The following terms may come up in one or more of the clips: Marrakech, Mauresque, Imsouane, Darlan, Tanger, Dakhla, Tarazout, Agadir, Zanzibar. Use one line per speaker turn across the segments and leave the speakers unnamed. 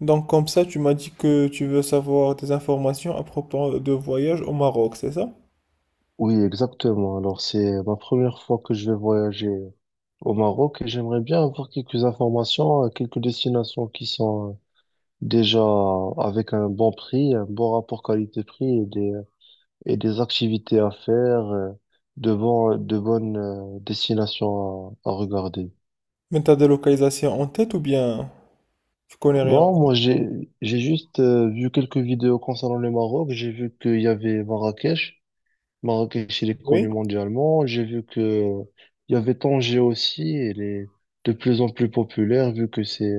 Donc comme ça, tu m'as dit que tu veux savoir des informations à propos de voyage au Maroc, c'est ça?
Oui, exactement. Alors, c'est ma première fois que je vais voyager au Maroc et j'aimerais bien avoir quelques informations, quelques destinations qui sont déjà avec un bon prix, un bon rapport qualité-prix et des activités à faire, de bonnes destinations à regarder.
Mais t'as des localisations en tête ou bien tu connais rien? En
Bon,
tête
j'ai juste vu quelques vidéos concernant le Maroc. J'ai vu qu'il y avait Marrakech. Marrakech, il est connu
Oui.
mondialement. J'ai vu que il y avait Tanger aussi. Elle est de plus en plus populaire vu que c'est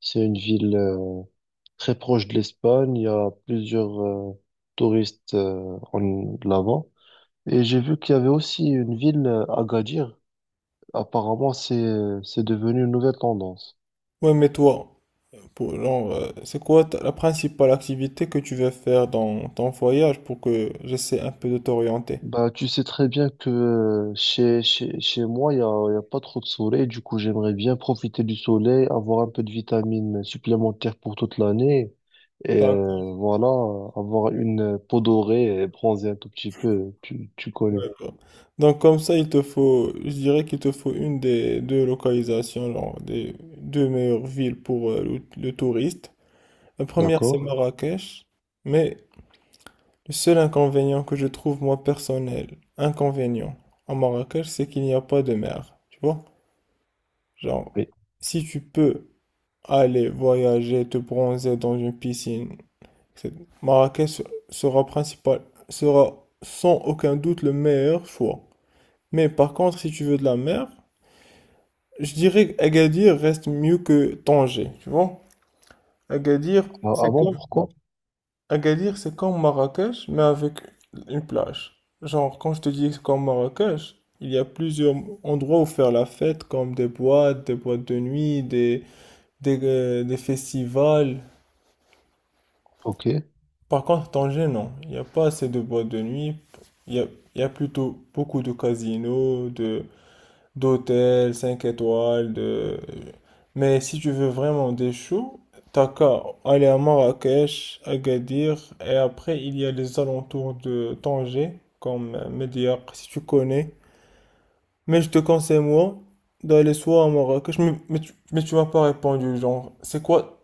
c'est une ville très proche de l'Espagne. Il y a plusieurs touristes en là-bas. Et j'ai vu qu'il y avait aussi une ville, Agadir. Apparemment, c'est devenu une nouvelle tendance.
Ouais, mais toi, pour, genre, c'est quoi la principale activité que tu veux faire dans ton voyage pour que j'essaie un peu de t'orienter?
Bah, tu sais très bien que chez moi, il y a pas trop de soleil. Du coup, j'aimerais bien profiter du soleil, avoir un peu de vitamines supplémentaires pour toute l'année. Et voilà, avoir une peau dorée et bronzer un tout petit peu. Tu connais,
D'accord. Donc comme ça, il te faut, je dirais qu'il te faut une des deux localisations, genre, des deux meilleures villes pour le touriste. La première, c'est
d'accord?
Marrakech, mais le seul inconvénient que je trouve moi personnel, inconvénient à Marrakech, c'est qu'il n'y a pas de mer. Tu vois? Genre,
Oui.
si tu peux aller voyager, te bronzer dans une piscine, c'est- Marrakech sera principal, sera sans aucun doute le meilleur choix. Mais par contre, si tu veux de la mer, je dirais Agadir reste mieux que Tanger, tu vois? Agadir,
Ah
c'est
bon,
comme,
pourquoi?
Agadir, c'est comme Marrakech, mais avec une plage. Genre, quand je te dis que c'est comme Marrakech, il y a plusieurs endroits où faire la fête, comme des boîtes de nuit, des festivals.
Ok.
Par contre, Tanger, non. Il n'y a pas assez de boîtes de nuit. Il y a, il y a plutôt beaucoup de casinos, de, d'hôtel, 5 étoiles, de... Mais si tu veux vraiment des choux, t'as qu'à aller à Marrakech, Agadir, et après il y a les alentours de Tanger, comme Médiocre, si tu connais. Mais je te conseille, moi, d'aller soit à Marrakech, mais tu m'as pas répondu, genre, c'est quoi,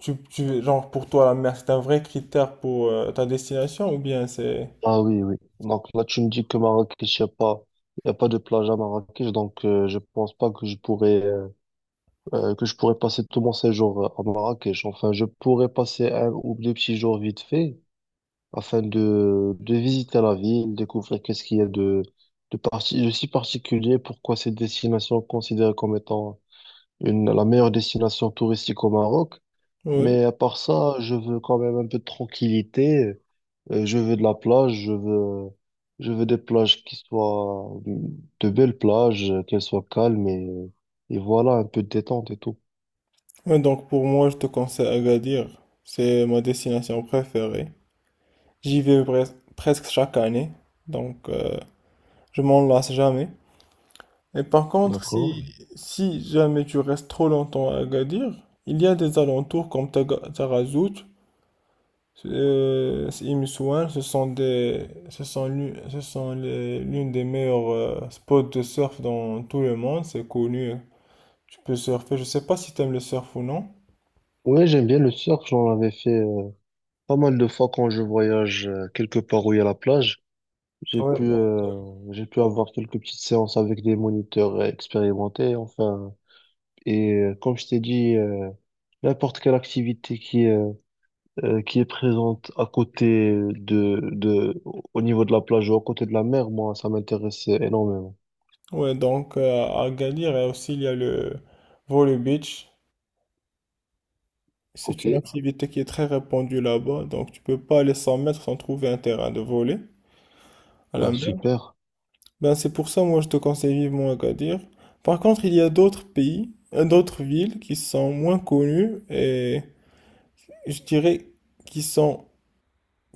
genre, pour toi, la mer, c'est un vrai critère pour ta destination, ou bien c'est...
Ah oui, oui. Donc là, tu me dis que Marrakech, il y a pas de plage à Marrakech. Donc, je pense pas que je pourrais passer tout mon séjour à Marrakech. Enfin, je pourrais passer un ou deux petits jours vite fait afin de visiter la ville, découvrir qu'est-ce qu'il y a de si particulier, pourquoi cette destination est considérée comme étant la meilleure destination touristique au Maroc.
Oui.
Mais à part ça, je veux quand même un peu de tranquillité. Je veux de la plage, je veux des plages qui soient de belles plages, qu'elles soient calmes et voilà, un peu de détente et tout.
Ouais, donc pour moi, je te conseille Agadir, c'est ma destination préférée. J'y vais presque chaque année, donc je m'en lasse jamais. Et par contre,
D'accord?
si jamais tu restes trop longtemps à Agadir, il y a des alentours comme Tarazout, Imsouane, ce sont l'une des meilleures spots de surf dans tout le monde, c'est connu. Tu peux surfer, je sais pas si tu aimes le surf ou non.
Ouais, j'aime bien le surf. J'en avais fait pas mal de fois quand je voyage quelque part où il y a la plage. J'ai
Ouais,
pu,
donc,
euh, j'ai pu avoir quelques petites séances avec des moniteurs expérimentés, enfin. Et comme je t'ai dit, n'importe quelle activité qui est présente à côté au niveau de la plage ou à côté de la mer, moi, ça m'intéresse énormément.
ouais, donc à Agadir, et aussi il y a le Vole Beach. C'est
Ok,
une activité qui est très répandue là-bas, donc tu peux pas aller 100 mètres sans trouver un terrain de volley à la
bah
mer.
super.
Ben c'est pour ça, moi je te conseille vivement Agadir. Par contre, il y a d'autres pays, d'autres villes qui sont moins connues et je dirais qui sont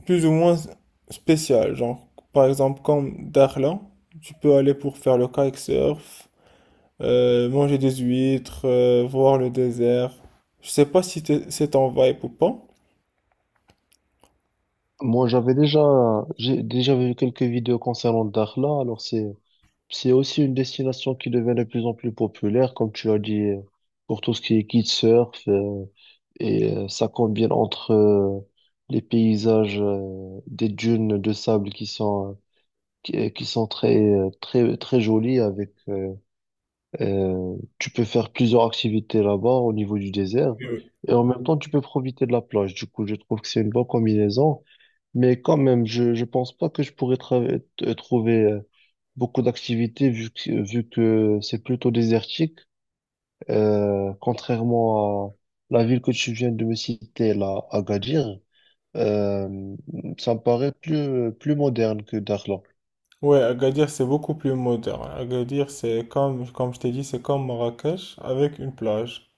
plus ou moins spéciales. Genre, par exemple, comme Darlan, tu peux aller pour faire le kitesurf, manger des huîtres, voir le désert. Je sais pas si c'est ton vibe ou pas.
Moi, j'avais déjà, j'ai déjà vu quelques vidéos concernant Dakhla, C'est aussi une destination qui devient de plus en plus populaire, comme tu as dit, pour tout ce qui est kitesurf, ça combine entre les paysages des dunes de sable qui sont très très jolies avec tu peux faire plusieurs activités là-bas au niveau du désert et en même temps tu peux profiter de la plage. Du coup, je trouve que c'est une bonne combinaison. Mais quand même, je pense pas que je pourrais trouver beaucoup d'activités vu que c'est plutôt désertique. Contrairement à la ville que tu viens de me citer, là, Agadir, euh, ça me paraît plus moderne que Dakhla.
Ouais, Agadir, c'est beaucoup plus moderne. Agadir, c'est comme, comme je t'ai dit, c'est comme Marrakech avec une plage.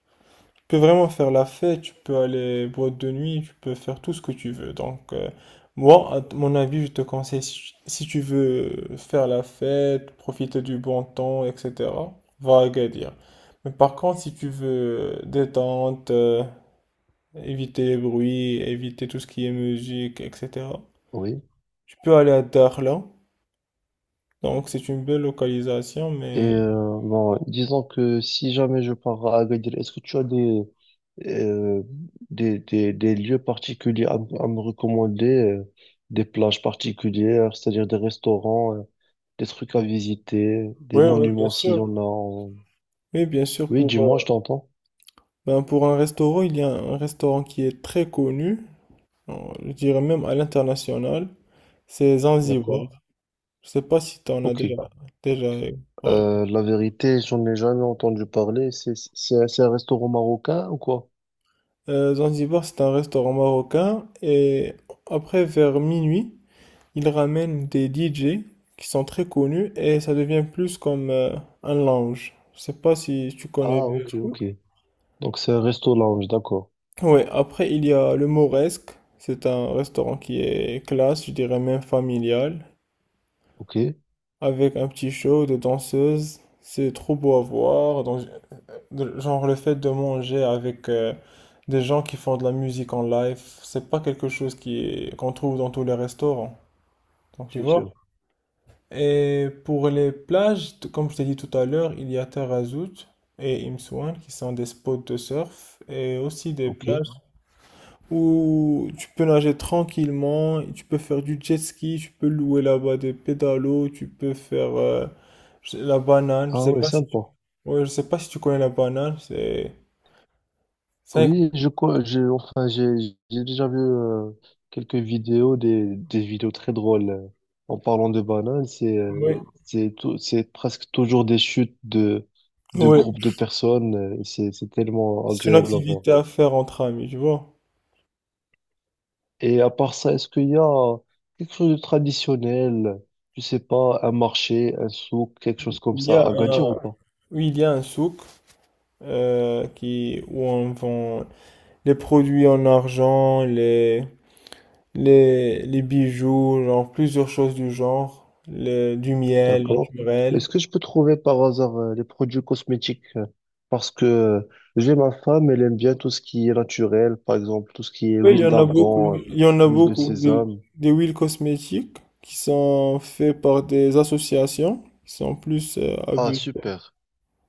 Tu peux vraiment faire la fête, tu peux aller boîte de nuit, tu peux faire tout ce que tu veux. Donc, moi, à mon avis, je te conseille, si tu veux faire la fête, profiter du bon temps, etc., va à Agadir. Mais par contre, si tu veux détente, éviter les bruits, éviter tout ce qui est musique, etc.,
Oui.
tu peux aller à Dakhla. Donc, c'est une belle localisation,
Et
mais
bon, disons que si jamais je pars à Agadir, est-ce que tu as euh, des lieux particuliers à me recommander, des plages particulières, c'est-à-dire des restaurants, des trucs à visiter, des
oui, oui, bien
monuments s'il y
sûr.
en a. en-
Oui, bien sûr,
Oui,
pour,
dis-moi, je t'entends.
ben, pour un restaurant, il y a un restaurant qui est très connu, euh, je dirais même à l'international, c'est Zanzibar.
D'accord.
Je sais pas si tu en as
Ok.
déjà, déjà parlé.
La vérité, j'en ai jamais entendu parler. C'est un restaurant marocain ou quoi?
Zanzibar, c'est un restaurant marocain et après, vers minuit, ils ramènent des DJ qui sont très connus et ça devient plus comme un lounge. Je sais pas si tu connais
Ah,
le
ok,
truc.
ok. Donc c'est un resto lounge, d'accord.
Ouais, après il y a le Mauresque, c'est un restaurant qui est classe, je dirais même familial,
Ok,
avec un petit show de danseuses, c'est trop beau à voir, donc, genre le fait de manger avec des gens qui font de la musique en live, c'est pas quelque chose qui qu'on trouve dans tous les restaurants, donc tu
c'est
vois.
sûr.
Et pour les plages, comme je t'ai dit tout à l'heure, il y a Tarazout et Imsouane qui sont des spots de surf et aussi des
Ok.
plages. Où tu peux nager tranquillement, tu peux faire du jet ski, tu peux louer là-bas des pédalos, tu peux faire la banane. Je
Ah
sais
ouais,
pas si tu,
sympa.
ouais, je sais pas si tu connais la banane, c'est
Oui, je co, j'ai, enfin, j'ai déjà vu quelques vidéos, des vidéos très drôles. En parlant de bananes,
un- ouais,
c'est c'est presque toujours des chutes de
ouais,
groupes de personnes. C'est tellement
c'est une
agréable à voir.
activité à faire entre amis, tu vois.
Et à part ça, est-ce qu'il y a quelque chose de traditionnel? Je sais pas, un marché, un souk, quelque chose comme
Il y
ça,
a
à Agadir ou
un,
pas?
oui, il y a un souk où on vend les produits en argent, les bijoux, genre plusieurs choses du genre, du miel
D'accord.
naturel.
Est-ce que je peux trouver par hasard les produits cosmétiques? Parce que j'ai ma femme, elle aime bien tout ce qui est naturel, par exemple, tout ce qui est
Oui, il y
huile
en a beaucoup.
d'argan,
Il y en a
huile de
beaucoup.
sésame.
Des huiles cosmétiques qui sont faites par des associations qui sont plus à
Ah,
but.
super.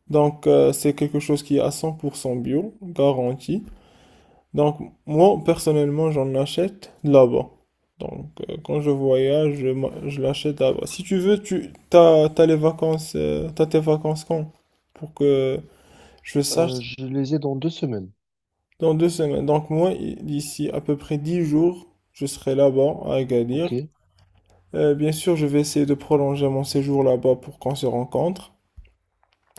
Donc, c'est quelque chose qui est à 100% bio, garanti. Donc, moi, personnellement, j'en achète là-bas. Donc, quand je voyage, je l'achète là-bas. Si tu veux, t'as les vacances, t'as tes vacances quand? Pour que je sache si-
Je les ai dans deux semaines.
dans deux semaines. Donc, moi, d'ici à peu près 10 jours, je serai là-bas à Agadir.
OK.
Bien sûr, je vais essayer de prolonger mon séjour là-bas pour qu'on se rencontre.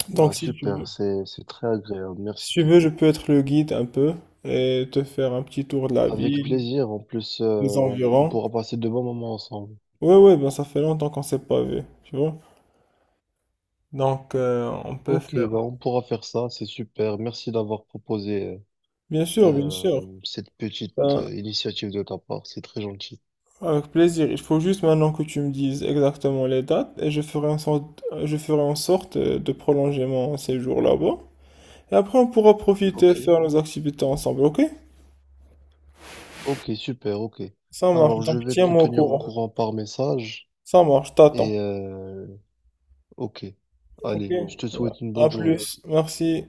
Donc,
Ah,
si tu veux,
super. C'est très agréable. Merci.
si tu veux, je peux être le guide un peu et te faire un petit tour de la
Avec
ville,
plaisir. En plus,
des
on
environs.
pourra passer de bons moments ensemble.
Ouais, ouais, ben ça fait longtemps qu'on s'est pas vu, tu vois. Donc, on peut
Ok,
faire.
bah on pourra faire ça, c'est super. Merci d'avoir proposé
Bien sûr, bien
euh,
sûr.
euh, cette petite
Ben,
initiative de ta part, c'est très gentil.
avec plaisir. Il faut juste maintenant que tu me dises exactement les dates et je ferai en sorte, je ferai en sorte de prolonger mon séjour là-bas. Et après, on pourra profiter et
Ok.
faire nos activités ensemble, ok?
Ok, super, ok.
Ça marche.
Alors, je
Donc,
vais te
tiens-moi au
tenir au
courant.
courant par message
Ça marche, t'attends.
et ok.
Ok.
Allez, je te souhaite une
À
bonne
Ouais.
journée.
plus. Merci.